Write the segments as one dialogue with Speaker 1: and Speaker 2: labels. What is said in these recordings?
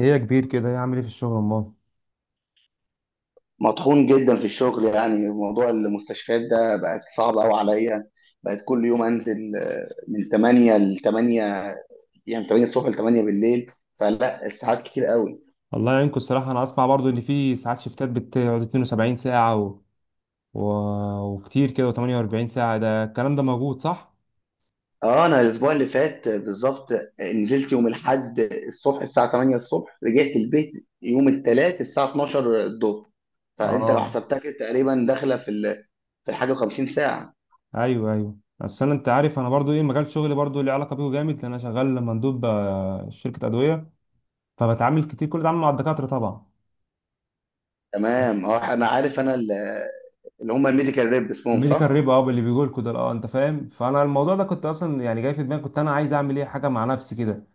Speaker 1: ايه يا كبير كده ايه عامل ايه في الشغل امال؟
Speaker 2: مطحون جدا في الشغل. يعني موضوع المستشفيات ده بقت صعب قوي عليا، بقت كل يوم انزل من 8 ل 8، يعني من 8 الصبح ل 8 بالليل، فلا الساعات كتير قوي.
Speaker 1: والله يعينكم. الصراحه انا اسمع برضو ان في ساعات شيفتات بتقعد 72 ساعه و... وكتير كده و48 ساعه. ده الكلام ده موجود صح؟
Speaker 2: اه انا الاسبوع اللي فات بالظبط نزلت يوم الاحد الصبح الساعه 8 الصبح، رجعت البيت يوم الثلاث الساعه 12 الظهر. فانت لو
Speaker 1: اه،
Speaker 2: حسبتها كده تقريبا داخله في حاجه 50 ساعه.
Speaker 1: ايوه ايوه، بس انا انت عارف انا برضو ايه مجال شغلي برضو ليه علاقه بيه جامد، لان انا شغال مندوب شركه ادويه، فبتعامل كتير كل ده عامل مع الدكاتره طبعا.
Speaker 2: تمام، اه انا عارف، اللي هم الميديكال ريب اسمهم،
Speaker 1: ميديكال
Speaker 2: صح.
Speaker 1: ريب، اه اللي بيقول كده، اه انت فاهم. فانا الموضوع ده كنت اصلا يعني جاي في دماغي، كنت انا عايز اعمل ايه حاجه مع نفسي كده.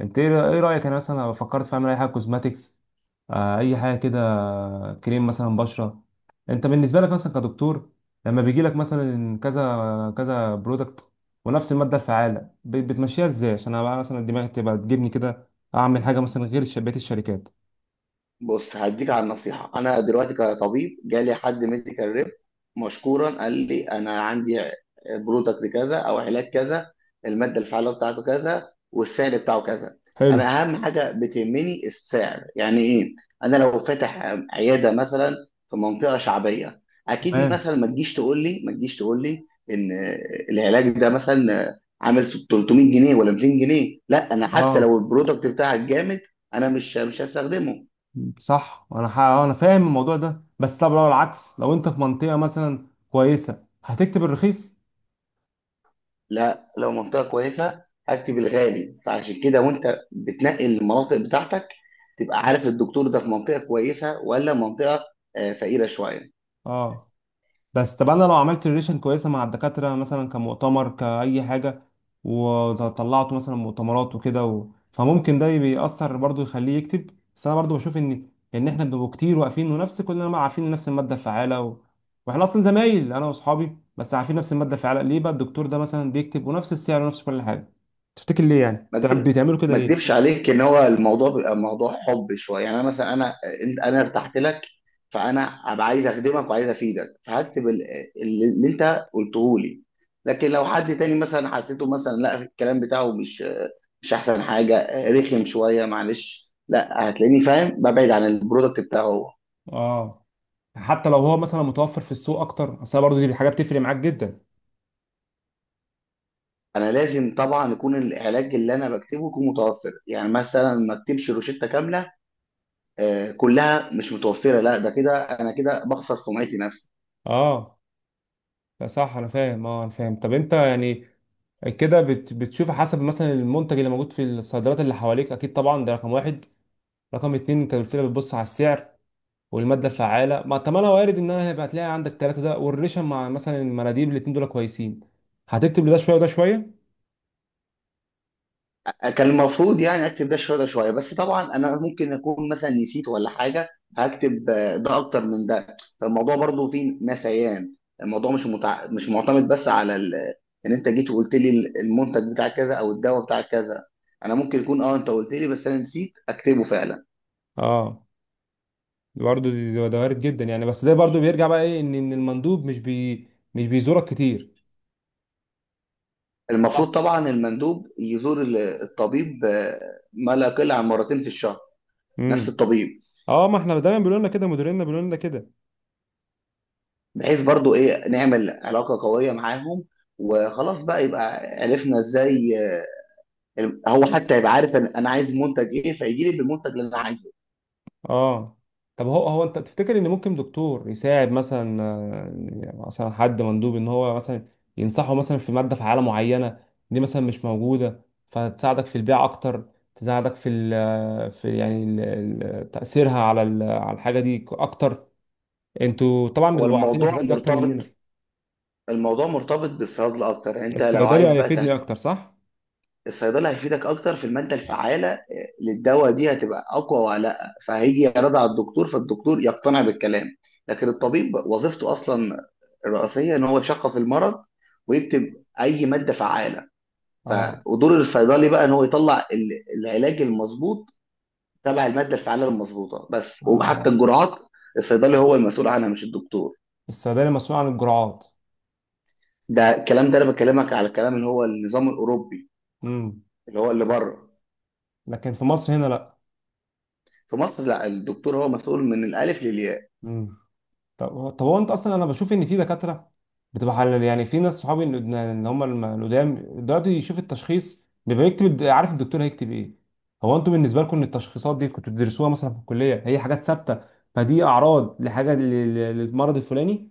Speaker 1: انت إيه رايك انا مثلا لو فكرت في اعمل اي حاجه كوزماتيكس، اي حاجه كده، كريم مثلا بشره. انت بالنسبه لك مثلا كدكتور لما بيجي لك مثلا كذا كذا برودكت ونفس الماده الفعاله، بتمشيها ازاي؟ عشان انا بقى مثلا دماغي تبقى تجيبني كده اعمل حاجه مثلا غير بقيه الشركات.
Speaker 2: بص، هديك على النصيحة. أنا دلوقتي كطبيب جالي حد ميديكال ريب مشكورا، قال لي أنا عندي برودكت كذا أو علاج كذا، المادة الفعالة بتاعته كذا والسعر بتاعه كذا.
Speaker 1: حلو.
Speaker 2: أنا أهم حاجة بتهمني السعر، يعني إيه؟ أنا لو فاتح عيادة مثلا في منطقة شعبية، أكيد
Speaker 1: تمام،
Speaker 2: مثلا ما تجيش تقول لي إن العلاج ده مثلا عامل 300 جنيه ولا 200 جنيه. لا، أنا حتى
Speaker 1: اه.
Speaker 2: لو البرودكت بتاعك جامد، أنا مش هستخدمه.
Speaker 1: صح، انا ح- آه، انا فاهم الموضوع ده، بس طب لو العكس، لو انت في منطقه مثلا كويسه هتكتب الرخيص؟
Speaker 2: لا، لو منطقة كويسة هكتب الغالي. فعشان كده وانت بتنقي المناطق بتاعتك، تبقى عارف الدكتور ده في منطقة كويسة ولا منطقة فقيرة شوية.
Speaker 1: اه. بس طب انا لو عملت ريليشن كويسه مع الدكاتره مثلا كمؤتمر كاي حاجه، وطلعته مثلا مؤتمرات وكده فممكن ده بيأثر برضو يخليه يكتب. بس انا برضو بشوف ان احنا بنبقى كتير واقفين ونفس كلنا بقى عارفين نفس الماده الفعاله، واحنا اصلا زمايل انا واصحابي، بس عارفين نفس الماده الفعاله. ليه بقى الدكتور ده مثلا بيكتب، ونفس السعر ونفس كل حاجه؟ تفتكر ليه يعني
Speaker 2: ما اكدب
Speaker 1: بتعملوا كده
Speaker 2: ما اكدبش
Speaker 1: ليه؟
Speaker 2: عليك، ان هو الموضوع بيبقى موضوع حب شوية. يعني انا مثلا انا آه، انت انا ارتحت لك، فانا هبقى عايز اخدمك وعايز افيدك، اللي انت قلته لي. لكن لو حد تاني مثلا حسيته مثلا لا الكلام بتاعه مش احسن حاجه، رخم شويه، معلش، لا هتلاقيني فاهم ببعد عن البرودكت بتاعه هو.
Speaker 1: اه. حتى لو هو مثلا متوفر في السوق اكتر، اصل برضو دي حاجه بتفرق معاك جدا.
Speaker 2: انا لازم طبعا يكون العلاج اللي انا بكتبه يكون متوفر. يعني مثلا ما اكتبش روشته كامله كلها مش متوفره، لا ده كده انا كده بخسر سمعتي نفسي.
Speaker 1: اه، لا صح انا فاهم، اه انا فاهم. طب انت يعني كده بتشوف حسب مثلا المنتج اللي موجود في الصيدليات اللي حواليك، اكيد طبعا ده رقم 1. رقم 2 انت قلت لي بتبص على السعر والماده الفعاله. ما طب انا وارد ان انا هيبقى هتلاقي عندك ثلاثه، ده والريشه مع مثلا المناديب الاتنين دول كويسين، هتكتب لده شويه وده شويه.
Speaker 2: كان المفروض يعني اكتب ده شويه ده شويه، بس طبعا انا ممكن اكون مثلا نسيت ولا حاجه، هكتب ده اكتر من ده، فالموضوع برضو فيه نسيان. الموضوع مش معتمد بس ان انت جيت وقلت لي المنتج بتاع كذا او الدواء بتاع كذا. انا ممكن يكون اه انت قلت لي بس انا نسيت اكتبه فعلا.
Speaker 1: اه. برضه ده وارد جدا يعني، بس ده برضه بيرجع بقى ايه؟ ان إن المندوب مش بيزورك كتير.
Speaker 2: المفروض
Speaker 1: صح.
Speaker 2: طبعا المندوب يزور الطبيب، ما لا يقل عن مرتين في الشهر، نفس
Speaker 1: امم.
Speaker 2: الطبيب،
Speaker 1: اه، ما احنا دايما بيقولوا لنا كده، مديريننا بيقولوا لنا كده.
Speaker 2: بحيث برضو ايه، نعمل علاقة قوية معاهم، وخلاص بقى يبقى عرفنا ازاي هو حتى يبقى عارف أنا عايز منتج ايه، فيجي لي بالمنتج اللي انا عايزه.
Speaker 1: اه. طب هو انت تفتكر ان ممكن دكتور يساعد مثلا، مثلا حد مندوب، ان هو مثلا ينصحه مثلا في ماده فعاله معينه دي مثلا مش موجوده، فتساعدك في البيع اكتر؟ تساعدك في ال آه، في يعني ال- ال- تاثيرها على الحاجه دي اكتر. انتوا طبعا
Speaker 2: هو
Speaker 1: بتبقوا عارفين
Speaker 2: الموضوع
Speaker 1: الحاجات دي اكتر مننا.
Speaker 2: مرتبط الموضوع مرتبط بالصيدلة اكتر. يعني انت لو
Speaker 1: الصيدلي
Speaker 2: عايز بقى
Speaker 1: هيفيدني اكتر، صح؟
Speaker 2: الصيدلة هيفيدك اكتر في المادة الفعالة للدواء، دي هتبقى اقوى ولا لا، فهيجي يعرضها على الدكتور، فالدكتور يقتنع بالكلام. لكن الطبيب وظيفته اصلا الرئيسية ان هو يشخص المرض ويكتب اي مادة فعالة. ف
Speaker 1: اه.
Speaker 2: ودور الصيدلي بقى ان هو يطلع العلاج المظبوط تبع الماده الفعاله المظبوطه. بس وحتى
Speaker 1: اه.
Speaker 2: الجرعات، الصيدلي هو المسؤول عنها مش الدكتور.
Speaker 1: الصيدلي مسؤول عن الجرعات.
Speaker 2: ده الكلام ده انا بكلمك على الكلام اللي هو النظام الاوروبي،
Speaker 1: امم.
Speaker 2: اللي هو اللي بره.
Speaker 1: لكن في مصر هنا.
Speaker 2: في مصر لا، الدكتور هو مسؤول من الالف للياء.
Speaker 1: لا. طب هو انت اصلا، انا بشوف ان في دكاتره بتبقى حلال، يعني في ناس صحابي إن هم القدام دلوقتي يشوف التشخيص بيبقى يكتب عارف الدكتور هيكتب ايه. هو انتوا بالنسبه لكم ان التشخيصات دي كنتوا بتدرسوها مثلا في الكليه، هي حاجات ثابته؟ فدي اعراض لحاجه للمرض الفلاني.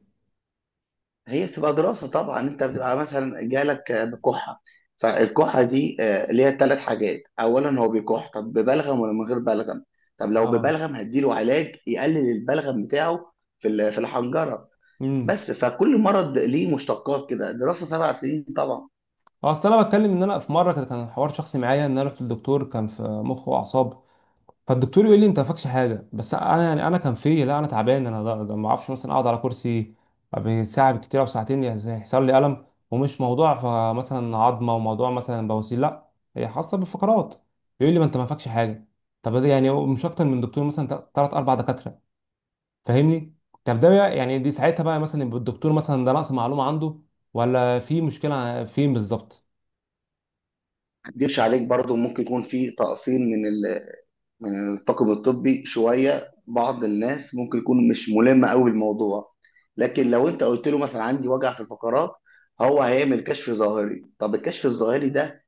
Speaker 2: هي بتبقى دراسه طبعا. انت بتبقى مثلا جالك بكحه، فالكحه دي ليها 3 حاجات، اولا هو بيكح، طب ببلغم ولا من غير بلغم؟ طب لو
Speaker 1: اه.
Speaker 2: ببلغم هديله علاج يقلل البلغم بتاعه في في الحنجره.
Speaker 1: امم
Speaker 2: بس، فكل مرض ليه مشتقات كده، دراسة 7 سنين طبعا. ما
Speaker 1: اصل انا بتكلم ان انا في مره كان حوار شخصي معايا، ان انا رحت للدكتور، كان في مخ واعصاب، فالدكتور يقول لي انت ما فاكش حاجه، بس انا يعني انا كان في لا انا تعبان انا ده- ده ما اعرفش مثلا اقعد على كرسي ساعه بالكتير او ساعتين، يعني يحصل لي الم، ومش موضوع فمثلا عظمه، وموضوع مثلا بواسير لا، هي خاصه بالفقرات. يقول لي ما انت ما فاكش حاجه. طب ده يعني مش اكتر من دكتور مثلا، ثلاث اربع دكاتره، فاهمني؟ طب يعني دي ساعتها بقى مثلا يبقى الدكتور مثلا ده نقص معلومه عنده، ولا في مشكله فين بالظبط؟
Speaker 2: اكدبش عليك، برضو ممكن يكون في تقصير من من الطاقم الطبي شوية، بعض الناس ممكن يكون مش ملم قوي بالموضوع. لكن لو انت قلت له مثلا عندي وجع في الفقرات، هو هيعمل كشف ظاهري. طب الكشف الظاهري ده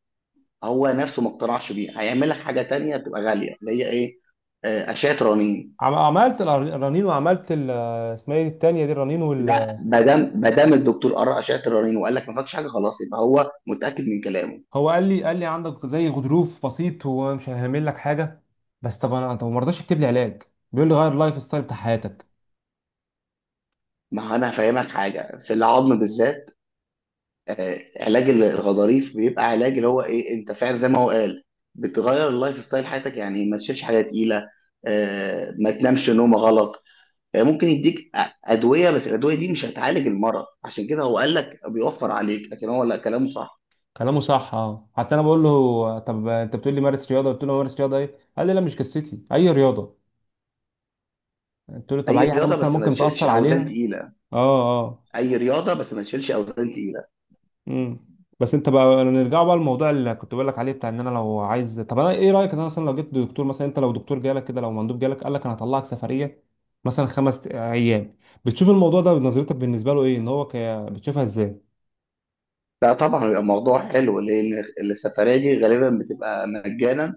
Speaker 2: هو نفسه ما اقتنعش بيه، هيعمل لك حاجة تانية بتبقى غالية اللي هي ايه، أشعة رنين.
Speaker 1: عملت الرنين، وعملت اسمها ايه التانيه دي؟ الرنين.
Speaker 2: لا، ما دام الدكتور قرأ أشعة الرنين وقال لك ما فيكش حاجة، خلاص يبقى هو متأكد من كلامه.
Speaker 1: هو قال لي عندك زي غضروف بسيط، هو مش هيعمل لك حاجه. بس طب انا، ما رضاش يكتب لي علاج، بيقول لي غير اللايف ستايل بتاع حياتك.
Speaker 2: ما هو انا هفهمك حاجه في العظم بالذات. علاج الغضاريف بيبقى علاج اللي هو ايه، انت فعلا زي ما هو قال، بتغير اللايف ستايل حياتك، يعني ما تشيلش حاجه تقيله، ما تنامش نومه غلط، ممكن ادويه، بس الادويه دي مش هتعالج المرض، عشان كده هو قال لك بيوفر عليك، لكن هو لا كلامه صح.
Speaker 1: كلامه صح، اه. حتى انا بقول له طب انت بتقول لي مارس رياضه، قلت له مارس رياضه ايه؟ قال لي لا مش قصتي اي رياضه. قلت له طب
Speaker 2: اي
Speaker 1: اي حاجه
Speaker 2: رياضه
Speaker 1: مثلا
Speaker 2: بس ما
Speaker 1: ممكن
Speaker 2: تشيلش
Speaker 1: تاثر عليها.
Speaker 2: اوزان تقيله.
Speaker 1: اه. اه.
Speaker 2: اي رياضه بس ما تشيلش اوزان تقيله.
Speaker 1: امم بس انت بقى نرجع بقى للموضوع اللي كنت بقول لك عليه، بتاع ان انا لو عايز. طب انا ايه رايك ان انا مثلا لو جبت دكتور، مثلا انت لو دكتور جالك كده، لو مندوب جالك قال لك انا هطلعك سفريه مثلا 5 ايام، بتشوف الموضوع ده نظرتك بالنسبه له ايه؟ ان هو بتشوفها ازاي؟
Speaker 2: لا طبعا، بيبقى موضوع حلو، لان السفريه دي غالبا بتبقى مجانا،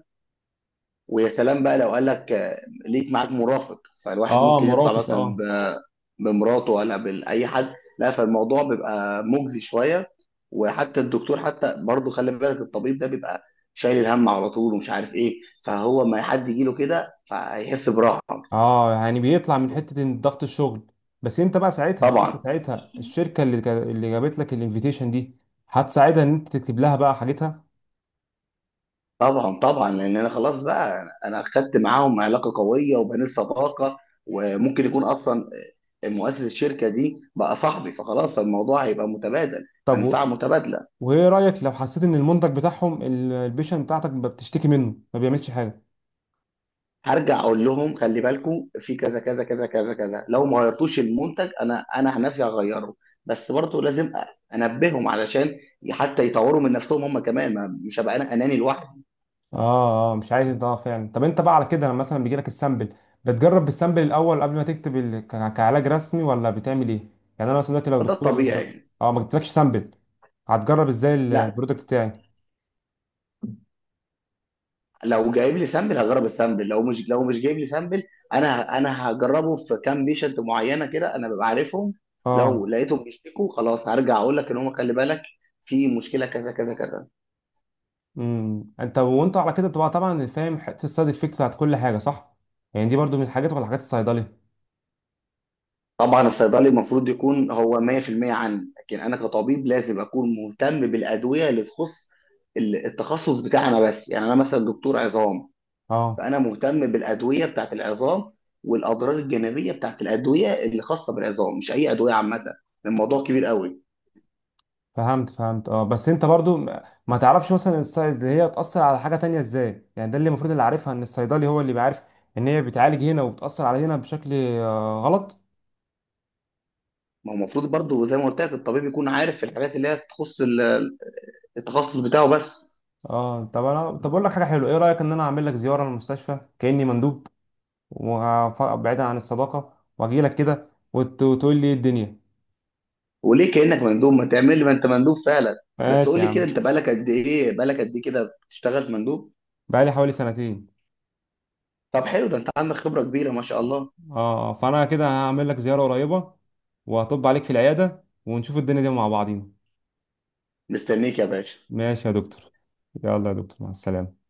Speaker 2: ويا سلام بقى لو قال لك ليك معاك مرافق، فالواحد
Speaker 1: اه،
Speaker 2: ممكن يطلع
Speaker 1: مرافق، اه.
Speaker 2: بمراته ولا بأي حد، لا فالموضوع بيبقى مجزي شوية. وحتى الدكتور حتى برضه خلي بالك الطبيب ده بيبقى شايل الهم على طول ومش عارف ايه، فهو ما حد يجي له كده فهيحس براحة.
Speaker 1: اه، يعني بيطلع من حته إن ضغط الشغل. بس انت بقى ساعتها انت
Speaker 2: طبعا
Speaker 1: ساعتها الشركه اللي اللي جابت لك الانفيتيشن دي، هتساعدها ان انت تكتب لها بقى حاجتها.
Speaker 2: طبعا طبعا، لان انا خلاص بقى انا خدت معاهم علاقة قوية وبنيت صداقة، وممكن يكون اصلا مؤسس الشركة دي بقى صاحبي، فخلاص الموضوع هيبقى متبادل،
Speaker 1: طب
Speaker 2: منفعة متبادلة.
Speaker 1: وايه رايك لو حسيت ان المنتج بتاعهم البيشن بتاعتك بتشتكي منه، ما بيعملش حاجه؟
Speaker 2: هرجع اقول لهم خلي بالكم في كذا كذا كذا كذا كذا، لو ما غيرتوش المنتج انا عن نفسي هغيره. بس برضه لازم انبههم علشان حتى يطوروا من نفسهم هم كمان، ما مش هبقى انا اناني لوحدي.
Speaker 1: اه. اه، مش عايز انت. اه فعلا. طب انت بقى على كده لما مثلا بيجي لك السامبل، بتجرب السامبل الاول قبل ما تكتب كعلاج رسمي، ولا بتعمل ايه؟ يعني انا مثلا دلوقتي لو
Speaker 2: فده
Speaker 1: دكتور
Speaker 2: الطبيعي يعني.
Speaker 1: اه، ما جبتلكش سامبل، هتجرب ازاي
Speaker 2: لا،
Speaker 1: البرودكت بتاعي؟
Speaker 2: لو جايب لي سامبل هجرب السامبل، لو مش جايب لي سامبل، انا هجربه في كام بيشنت معينه كده انا ببقى عارفهم.
Speaker 1: اه.
Speaker 2: لو لقيتهم بيشتكوا خلاص هرجع اقول لك ان هم خلي بالك، في مشكله كذا كذا كذا.
Speaker 1: انت وانت على كده بتبقى طبعا فاهم حته السايد افكت بتاعت كل حاجه، صح؟ يعني دي برضو من الحاجات، ولا حاجات الصيدليه؟
Speaker 2: طبعا الصيدلي المفروض يكون هو 100% عني، لكن انا كطبيب لازم اكون مهتم بالادويه اللي تخص التخصص بتاعنا بس. يعني انا مثلا دكتور عظام،
Speaker 1: اه.
Speaker 2: فانا مهتم بالادويه بتاعت العظام، والاضرار الجانبيه بتاعت الادويه اللي خاصه بالعظام، مش اي ادويه عامه. الموضوع كبير قوي.
Speaker 1: فهمت فهمت، اه. بس انت برضو ما تعرفش مثلا الصيد هي بتأثر على حاجة تانية ازاي، يعني ده اللي المفروض اللي عارفها ان الصيدلي هو اللي بيعرف ان هي بتعالج هنا وبتأثر على هنا بشكل غلط.
Speaker 2: ما هو المفروض برضو زي ما قلت لك الطبيب يكون عارف في الحاجات اللي هي تخص التخصص بتاعه بس.
Speaker 1: اه. طب انا طب اقول لك حاجة حلوة. ايه رأيك ان انا اعمل لك زيارة للمستشفى كأني مندوب، وبعيدا عن الصداقة، واجي لك كده وتقول لي ايه الدنيا؟
Speaker 2: وليه كانك مندوب، ما تعمل لي، ما انت مندوب فعلا. بس
Speaker 1: ماشي
Speaker 2: قول
Speaker 1: يا
Speaker 2: لي كده،
Speaker 1: عم.
Speaker 2: انت بقالك قد ايه بقالك قد ايه كده بتشتغل مندوب؟
Speaker 1: بقالي حوالي سنتين.
Speaker 2: طب حلو، ده انت عندك خبرة كبيرة ما شاء
Speaker 1: اه.
Speaker 2: الله.
Speaker 1: فانا كده هعمل لك زيارة قريبة، وهطب عليك في العيادة، ونشوف الدنيا دي مع بعضينا.
Speaker 2: مستنيك يا باشا.
Speaker 1: ماشي يا دكتور. يلا يا دكتور مع السلامة.